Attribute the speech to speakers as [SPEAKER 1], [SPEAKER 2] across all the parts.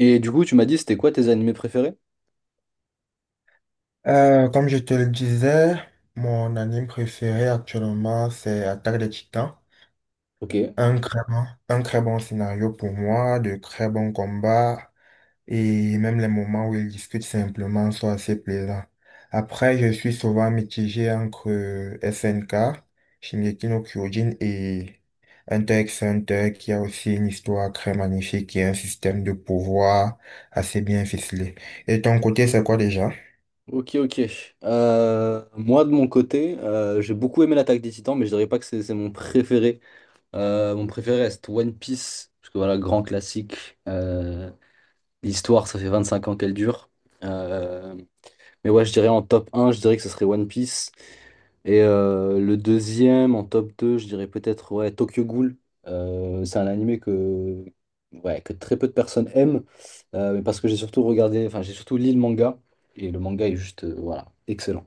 [SPEAKER 1] Et du coup, tu m'as dit, c'était quoi tes animés préférés?
[SPEAKER 2] Comme je te le disais, mon anime préféré actuellement, c'est Attaque des Titans.
[SPEAKER 1] Ok.
[SPEAKER 2] Un très bon scénario pour moi, de très bons combats, et même les moments où ils discutent simplement sont assez plaisants. Après, je suis souvent mitigé entre SNK, Shingeki no Kyojin et Hunter x Hunter, qui a aussi une histoire très magnifique et un système de pouvoir assez bien ficelé. Et ton côté, c'est quoi déjà?
[SPEAKER 1] Ok, ok. Moi, de mon côté, j'ai beaucoup aimé l'Attaque des Titans, mais je dirais pas que c'est mon préféré. Mon préféré reste One Piece, parce que voilà, grand classique. L'histoire, ça fait 25 ans qu'elle dure. Euh, Mais ouais, je dirais en top un, je dirais que ce serait One Piece. Et le deuxième, en top deux, je dirais peut-être ouais, Tokyo Ghoul. C'est un animé que, ouais, que très peu de personnes aiment, mais parce que j'ai surtout regardé, enfin j'ai surtout lu le manga, et le manga est juste, voilà, excellent.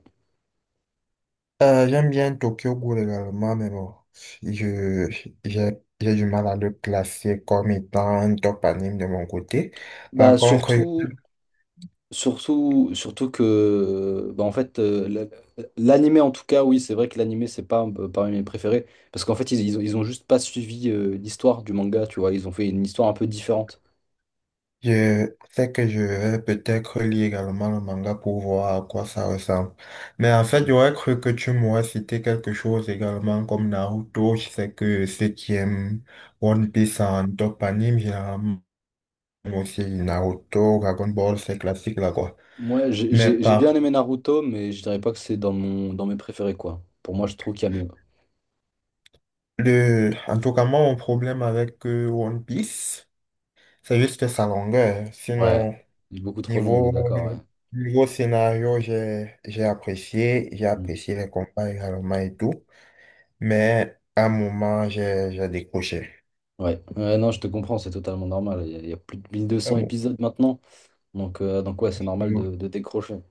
[SPEAKER 2] J'aime bien Tokyo Ghoul également, mais bon, je, j'ai, j'ai du mal à le classer comme étant un top anime de mon côté.
[SPEAKER 1] Bah
[SPEAKER 2] Par contre,
[SPEAKER 1] surtout, surtout, surtout que, bah, en fait, l'animé en tout cas, oui, c'est vrai que l'animé c'est pas parmi mes préférés, parce qu'en fait ils ont juste pas suivi l'histoire du manga, tu vois, ils ont fait une histoire un peu différente.
[SPEAKER 2] je sais que je vais peut-être lire également le manga pour voir à quoi ça ressemble. Mais en fait, j'aurais cru que tu m'aurais cité quelque chose également comme Naruto. Je sais que ceux qui aiment One Piece en top anime, généralement, aussi Naruto, Dragon Ball, c'est classique là quoi.
[SPEAKER 1] Moi,
[SPEAKER 2] Mais
[SPEAKER 1] j'ai
[SPEAKER 2] par
[SPEAKER 1] bien aimé Naruto, mais je dirais pas que c'est dans mon dans mes préférés, quoi. Pour moi, je trouve qu'il y a mieux.
[SPEAKER 2] En tout cas, moi, mon problème avec One Piece, c'est juste sa longueur.
[SPEAKER 1] Ouais.
[SPEAKER 2] Sinon,
[SPEAKER 1] Il est beaucoup trop long, on est
[SPEAKER 2] niveau,
[SPEAKER 1] d'accord, ouais.
[SPEAKER 2] niveau scénario, j'ai, j'ai apprécié, j'ai
[SPEAKER 1] Mm.
[SPEAKER 2] apprécié les combats également et tout, mais à un moment, j'ai décroché.
[SPEAKER 1] Ouais. Ouais, non, je te comprends, c'est totalement normal. Il y a plus de
[SPEAKER 2] À un
[SPEAKER 1] 1200
[SPEAKER 2] mo-
[SPEAKER 1] épisodes maintenant. Donc ouais, c'est normal de décrocher.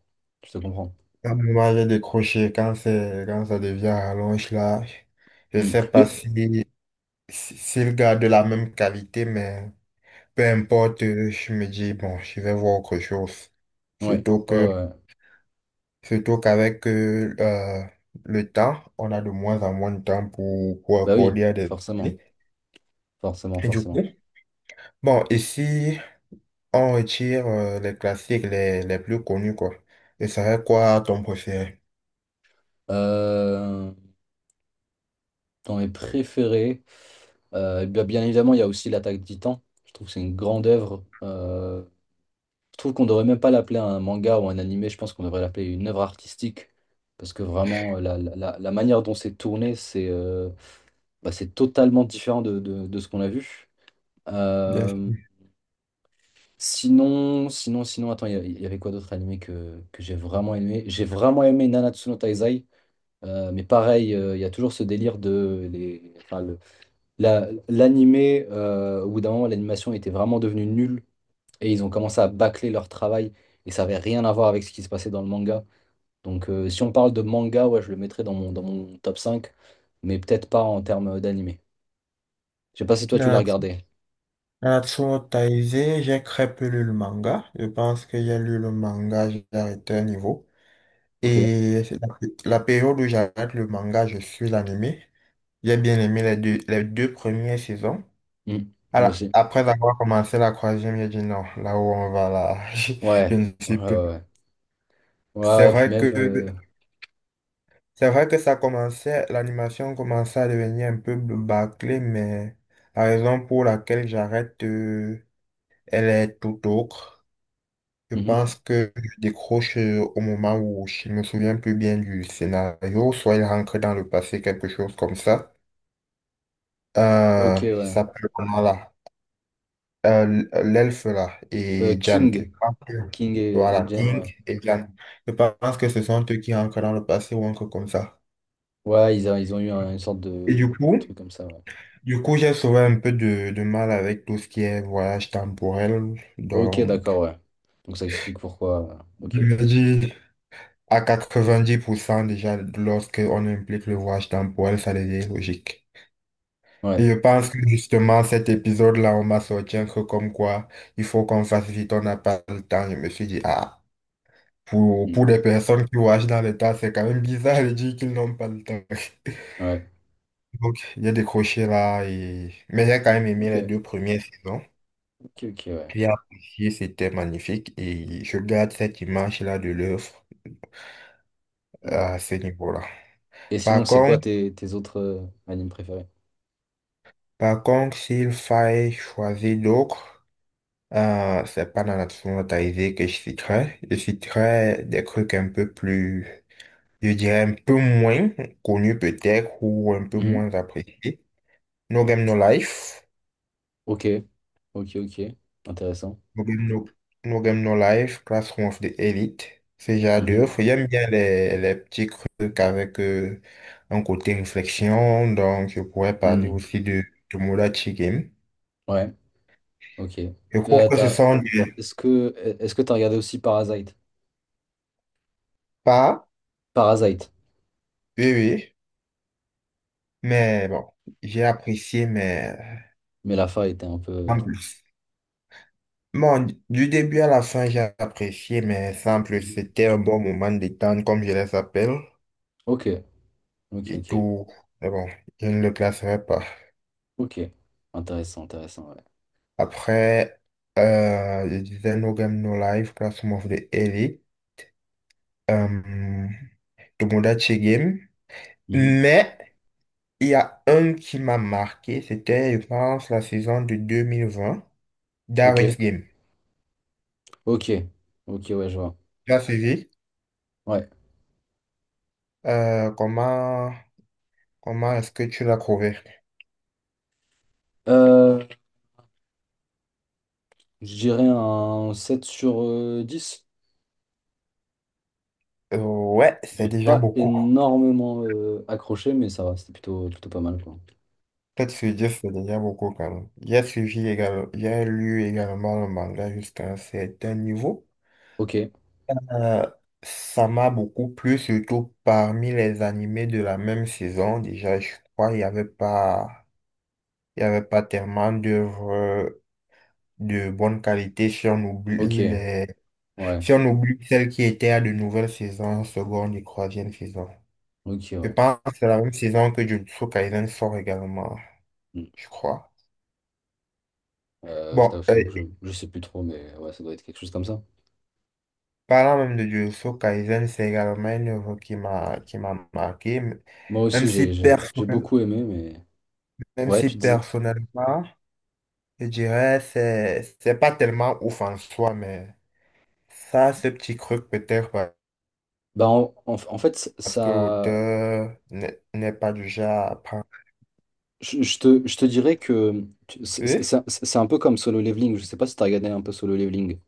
[SPEAKER 1] Je te comprends.
[SPEAKER 2] à un moment, j'ai décroché quand ça devient rallonge là. Je
[SPEAKER 1] Mm.
[SPEAKER 2] sais pas
[SPEAKER 1] Mais,
[SPEAKER 2] s'il garde la même qualité, mais peu importe, je me dis, bon, je vais voir autre chose.
[SPEAKER 1] ouais,
[SPEAKER 2] Surtout
[SPEAKER 1] ouais,
[SPEAKER 2] que
[SPEAKER 1] ouais, ouais.
[SPEAKER 2] Surtout qu'avec le temps, on a de moins en moins de temps pour
[SPEAKER 1] Bah oui,
[SPEAKER 2] accorder à des
[SPEAKER 1] forcément.
[SPEAKER 2] amis.
[SPEAKER 1] Forcément,
[SPEAKER 2] Et du coup,
[SPEAKER 1] forcément.
[SPEAKER 2] bon, ici, on retire les classiques les plus connus, quoi. Et ça serait quoi ton préféré?
[SPEAKER 1] Euh, Dans mes préférés, bien bien évidemment, il y a aussi l'Attaque des Titans. Je trouve que c'est une grande œuvre. Je trouve qu'on devrait même pas l'appeler un manga ou un animé, je pense qu'on devrait l'appeler une œuvre artistique. Parce que vraiment, la manière dont c'est tourné, c'est c'est totalement différent de ce qu'on a vu.
[SPEAKER 2] Bien sûr.
[SPEAKER 1] Euh, sinon, sinon, attends, il y avait quoi d'autre animé que j'ai vraiment aimé? J'ai vraiment aimé Nanatsu no Taizai. Mais pareil, il y a toujours ce délire de les, enfin, le- la- l'animé, au bout d'un moment, l'animation était vraiment devenue nulle. Et ils ont commencé à bâcler leur travail et ça avait rien à voir avec ce qui se passait dans le manga. Donc si on parle de manga, ouais, je le mettrais dans dans mon top 5, mais peut-être pas en termes d'animé. Je sais pas si toi tu l'as
[SPEAKER 2] Na-
[SPEAKER 1] regardé.
[SPEAKER 2] Natsuo Taizai, j'ai très peu lu le manga. Je pense que j'ai lu le manga, j'ai arrêté un niveau.
[SPEAKER 1] Ok.
[SPEAKER 2] Et c'est la période où j'arrête le manga, je suis l'animé. J'ai bien aimé les deux premières saisons.
[SPEAKER 1] Hmm. Moi aussi.
[SPEAKER 2] Après avoir commencé la troisième, j'ai dit non, là où on va là, je
[SPEAKER 1] Ouais.
[SPEAKER 2] ne
[SPEAKER 1] Ouais,
[SPEAKER 2] suis plus.
[SPEAKER 1] ouais, ouais. Ouais,
[SPEAKER 2] C'est
[SPEAKER 1] ouais, puis
[SPEAKER 2] vrai
[SPEAKER 1] même.
[SPEAKER 2] que c'est vrai que ça commençait, l'animation commençait à devenir un peu bâclée, mais la raison pour laquelle j'arrête, elle est tout autre. Je
[SPEAKER 1] Mhm.
[SPEAKER 2] pense que je décroche au moment où je ne me souviens plus bien du scénario, soit il rentre dans le passé, quelque chose comme ça.
[SPEAKER 1] Ok, ouais.
[SPEAKER 2] Ça là. L'elfe là et Jan.
[SPEAKER 1] King. King et
[SPEAKER 2] Voilà,
[SPEAKER 1] Jane,
[SPEAKER 2] King
[SPEAKER 1] ouais.
[SPEAKER 2] et Jan. Je pense que ce sont eux qui rentrent dans le passé ou encore comme ça.
[SPEAKER 1] Ouais, ils ont eu une sorte
[SPEAKER 2] Et du
[SPEAKER 1] de
[SPEAKER 2] coup,
[SPEAKER 1] truc comme ça, ouais.
[SPEAKER 2] du coup, j'ai souvent un peu de mal avec tout ce qui est voyage temporel.
[SPEAKER 1] Ok, d'accord,
[SPEAKER 2] Donc,
[SPEAKER 1] ouais. Donc ça explique pourquoi. Ok.
[SPEAKER 2] je me dis à 90% déjà, lorsque on implique le voyage temporel, ça devient logique.
[SPEAKER 1] Ouais.
[SPEAKER 2] Et je pense que justement, cet épisode-là, on m'a sorti un truc comme quoi il faut qu'on fasse vite, on n'a pas le temps. Je me suis dit, ah. Pour
[SPEAKER 1] Hmm.
[SPEAKER 2] des personnes qui voyagent dans les tas, c'est quand même bizarre de dire qu'ils n'ont pas le temps.
[SPEAKER 1] Ouais.
[SPEAKER 2] Donc, j'ai décroché là et, mais j'ai quand même aimé les
[SPEAKER 1] Ok.
[SPEAKER 2] deux premières saisons.
[SPEAKER 1] Ok, ok, ouais.
[SPEAKER 2] J'ai apprécié, c'était magnifique et je garde cette image-là de l'œuvre
[SPEAKER 1] Mmh.
[SPEAKER 2] à ce niveau-là.
[SPEAKER 1] Et sinon,
[SPEAKER 2] Par
[SPEAKER 1] c'est quoi
[SPEAKER 2] contre,
[SPEAKER 1] tes autres animes préférés?
[SPEAKER 2] par contre, s'il fallait choisir d'autres, c'est pas dans la totalité que je citerai. Je citerai des trucs un peu plus, je dirais un peu moins connus peut-être ou un peu
[SPEAKER 1] Mhm.
[SPEAKER 2] moins appréciés. No Game No Life,
[SPEAKER 1] Ok, ok, ok. Intéressant.
[SPEAKER 2] No Game No, No Game No Life, Classroom of the Elite, ce genre
[SPEAKER 1] Mhm.
[SPEAKER 2] d'œuvre. J'aime bien les petits trucs avec un côté réflexion, donc je pourrais parler
[SPEAKER 1] Hmm.
[SPEAKER 2] aussi de Tomodachi Game.
[SPEAKER 1] Ouais, ok.
[SPEAKER 2] Je trouve
[SPEAKER 1] Euh,
[SPEAKER 2] que ce
[SPEAKER 1] t'as-
[SPEAKER 2] sont des
[SPEAKER 1] Est-ce que Est-ce que t'as regardé aussi Parasite?
[SPEAKER 2] pas,
[SPEAKER 1] Parasite.
[SPEAKER 2] oui, oui, mais bon, j'ai apprécié, mais
[SPEAKER 1] Mais la fin était un peu.
[SPEAKER 2] sans plus. Bon, du début à la fin, j'ai apprécié, mais sans plus,
[SPEAKER 1] Mhm.
[SPEAKER 2] c'était un bon moment de détente, comme je les appelle,
[SPEAKER 1] Ok, ok,
[SPEAKER 2] et
[SPEAKER 1] ok.
[SPEAKER 2] tout, mais bon, je ne le classerai pas.
[SPEAKER 1] Ok. Intéressant, intéressant, ouais.
[SPEAKER 2] Après, je disais No Game No Life, Classroom of the Elite, euh, Tomodachi Game.
[SPEAKER 1] Mhm.
[SPEAKER 2] Mais il y a un qui m'a marqué, c'était, je pense, la saison de 2020,
[SPEAKER 1] Ok,
[SPEAKER 2] Darwin's Game.
[SPEAKER 1] ok. Ok, ouais, je vois.
[SPEAKER 2] Tu as suivi?
[SPEAKER 1] Ouais.
[SPEAKER 2] Euh, comment comment est-ce que tu l'as trouvé?
[SPEAKER 1] Euh, je dirais un 7 sur 10.
[SPEAKER 2] Ouais,
[SPEAKER 1] J'ai
[SPEAKER 2] c'est déjà
[SPEAKER 1] pas
[SPEAKER 2] beaucoup.
[SPEAKER 1] énormément accroché, mais ça va, c'était plutôt, plutôt pas mal, quoi.
[SPEAKER 2] Peut-être se dire c'est déjà beaucoup quand même. J'ai suivi également, j'ai lu également le manga jusqu'à un certain niveau.
[SPEAKER 1] Ok.
[SPEAKER 2] Euh, Ça m'a beaucoup plu, surtout parmi les animés de la même saison. Déjà, je crois qu'il n'y avait pas, il y avait pas tellement d'œuvres de bonne qualité si on
[SPEAKER 1] Ok,
[SPEAKER 2] oublie
[SPEAKER 1] ouais,
[SPEAKER 2] celles qui étaient à de nouvelles saisons, seconde et troisième saison.
[SPEAKER 1] ok,
[SPEAKER 2] Je
[SPEAKER 1] ouais.
[SPEAKER 2] pense que c'est la même saison que Jujutsu Kaisen sort également,
[SPEAKER 1] Mm.
[SPEAKER 2] je crois. Bon,
[SPEAKER 1] Je t'avoue que je sais plus trop, mais ouais, ça doit être quelque chose comme ça.
[SPEAKER 2] parlant même de Jujutsu Kaisen, c'est également une œuvre qui m'a marqué,
[SPEAKER 1] Moi
[SPEAKER 2] même
[SPEAKER 1] aussi,
[SPEAKER 2] si
[SPEAKER 1] j'ai
[SPEAKER 2] personnellement,
[SPEAKER 1] beaucoup aimé, mais
[SPEAKER 2] même
[SPEAKER 1] ouais,
[SPEAKER 2] si
[SPEAKER 1] tu disais.
[SPEAKER 2] personnellement, je dirais, c'est pas tellement ouf en soi, mais ça, ce petit truc
[SPEAKER 1] Bah, en, en- en fait,
[SPEAKER 2] parce que
[SPEAKER 1] ça.
[SPEAKER 2] l'auteur n'est pas du genre à prendre.
[SPEAKER 1] Je te dirais que tu- c'est c'est-
[SPEAKER 2] Oui,
[SPEAKER 1] c'est- c'est un peu comme Solo Leveling. Je sais pas si t'as regardé un peu Solo Leveling.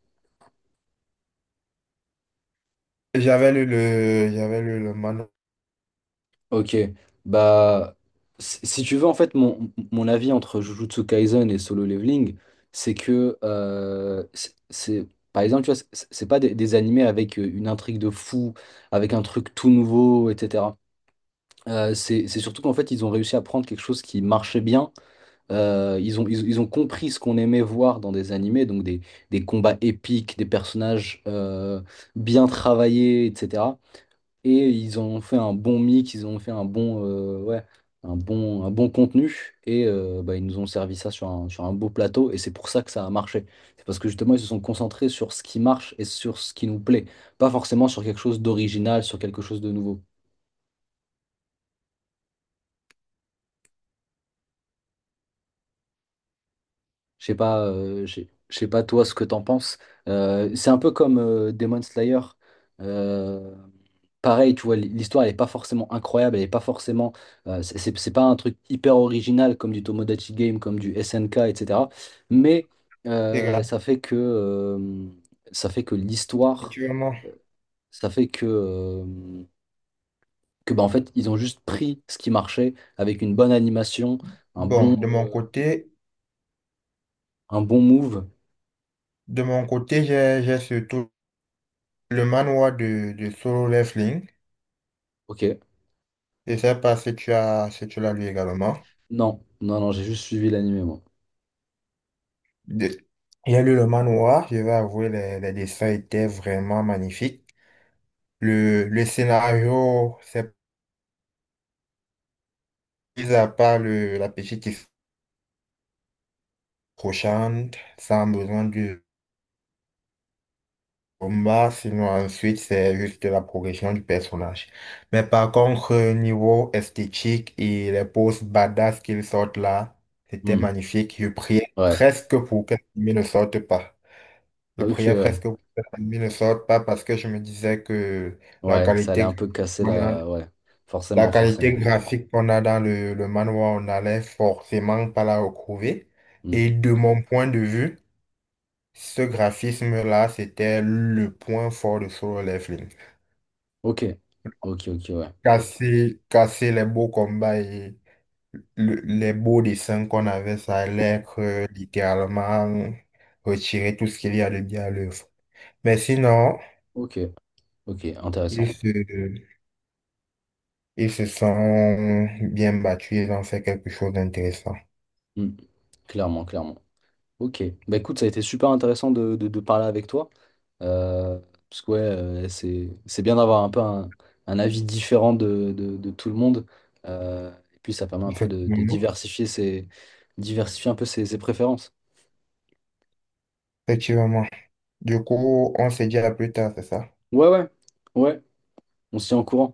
[SPEAKER 2] j'avais lu le manuel
[SPEAKER 1] Ok, bah si si tu veux en fait mon avis entre Jujutsu Kaisen et Solo Leveling, c'est que par exemple tu vois c'est pas des animés avec une intrigue de fou, avec un truc tout nouveau, etc. C'est surtout qu'en fait ils ont réussi à prendre quelque chose qui marchait bien. Ils ont compris ce qu'on aimait voir dans des animés, donc des combats épiques, des personnages bien travaillés, etc, et ils ont fait un bon mix, ils ont fait un bon, ouais, un bon contenu et bah, ils nous ont servi ça sur sur un beau plateau et c'est pour ça que ça a marché. C'est parce que justement ils se sont concentrés sur ce qui marche et sur ce qui nous plaît, pas forcément sur quelque chose d'original, sur quelque chose de nouveau. Je sais pas, je sais pas toi ce que t'en penses. C'est un peu comme Demon Slayer. Euh, Pareil, tu vois, l'histoire elle est pas forcément incroyable, elle est pas forcément, c'est pas un truc hyper original comme du Tomodachi Game, comme du SNK, etc. Mais euh, ça fait que euh, ça fait que l'histoire,
[SPEAKER 2] gratuitement.
[SPEAKER 1] euh, ça fait que bah, en fait ils ont juste pris ce qui marchait avec une bonne animation, un
[SPEAKER 2] Bon,
[SPEAKER 1] bon
[SPEAKER 2] de mon côté,
[SPEAKER 1] un bon move.
[SPEAKER 2] de mon côté, j'ai surtout le manoir de Solo Leveling.
[SPEAKER 1] Ok.
[SPEAKER 2] Je sais pas si tu l'as lu également.
[SPEAKER 1] Non, non, non, j'ai juste suivi l'animé, moi.
[SPEAKER 2] De- J'ai lu le manoir, je vais avouer, les dessins étaient vraiment magnifiques. Le scénario, c'est, mis à part la petite histoire crochante, sans besoin du combat, sinon ensuite c'est juste la progression du personnage. Mais par contre, niveau esthétique et les poses badass qu'ils sortent là, c'était
[SPEAKER 1] Hmm.
[SPEAKER 2] magnifique. Je priais
[SPEAKER 1] Ouais.
[SPEAKER 2] presque pour que l'anime ne sorte pas. Je
[SPEAKER 1] Ok,
[SPEAKER 2] priais
[SPEAKER 1] ouais.
[SPEAKER 2] presque pour que l'anime ne sorte pas parce que je me disais que la
[SPEAKER 1] Ouais, que ça allait
[SPEAKER 2] qualité
[SPEAKER 1] un peu
[SPEAKER 2] graphique
[SPEAKER 1] casser
[SPEAKER 2] qu'on a,
[SPEAKER 1] la... Ouais.
[SPEAKER 2] la
[SPEAKER 1] Forcément,
[SPEAKER 2] qualité
[SPEAKER 1] forcément.
[SPEAKER 2] graphique qu'on a dans le manhwa, on allait forcément pas la retrouver.
[SPEAKER 1] Hmm.
[SPEAKER 2] Et de mon point de vue, ce graphisme-là, c'était le point fort de Solo Leveling.
[SPEAKER 1] Ok. Ok, ok, ouais.
[SPEAKER 2] Casser les beaux combats et les beaux dessins qu'on avait, ça allait être littéralement retirer tout ce qu'il y a de bien à l'œuvre. Mais sinon,
[SPEAKER 1] Ok, ok, intéressant.
[SPEAKER 2] ils se, ils se sont bien battus, ils ont fait quelque chose d'intéressant.
[SPEAKER 1] Hmm. Clairement, clairement. Ok. Bah écoute, ça a été super intéressant de parler avec toi. Euh, parce que ouais, c'est bien d'avoir un peu un avis différent de tout le monde. Et puis ça permet un peu de
[SPEAKER 2] Effectivement.
[SPEAKER 1] diversifier diversifier un peu ses préférences.
[SPEAKER 2] Effectivement. Du coup, on se dit à plus tard, c'est ça?
[SPEAKER 1] Ouais, ouais. Ouais. On se tient au courant.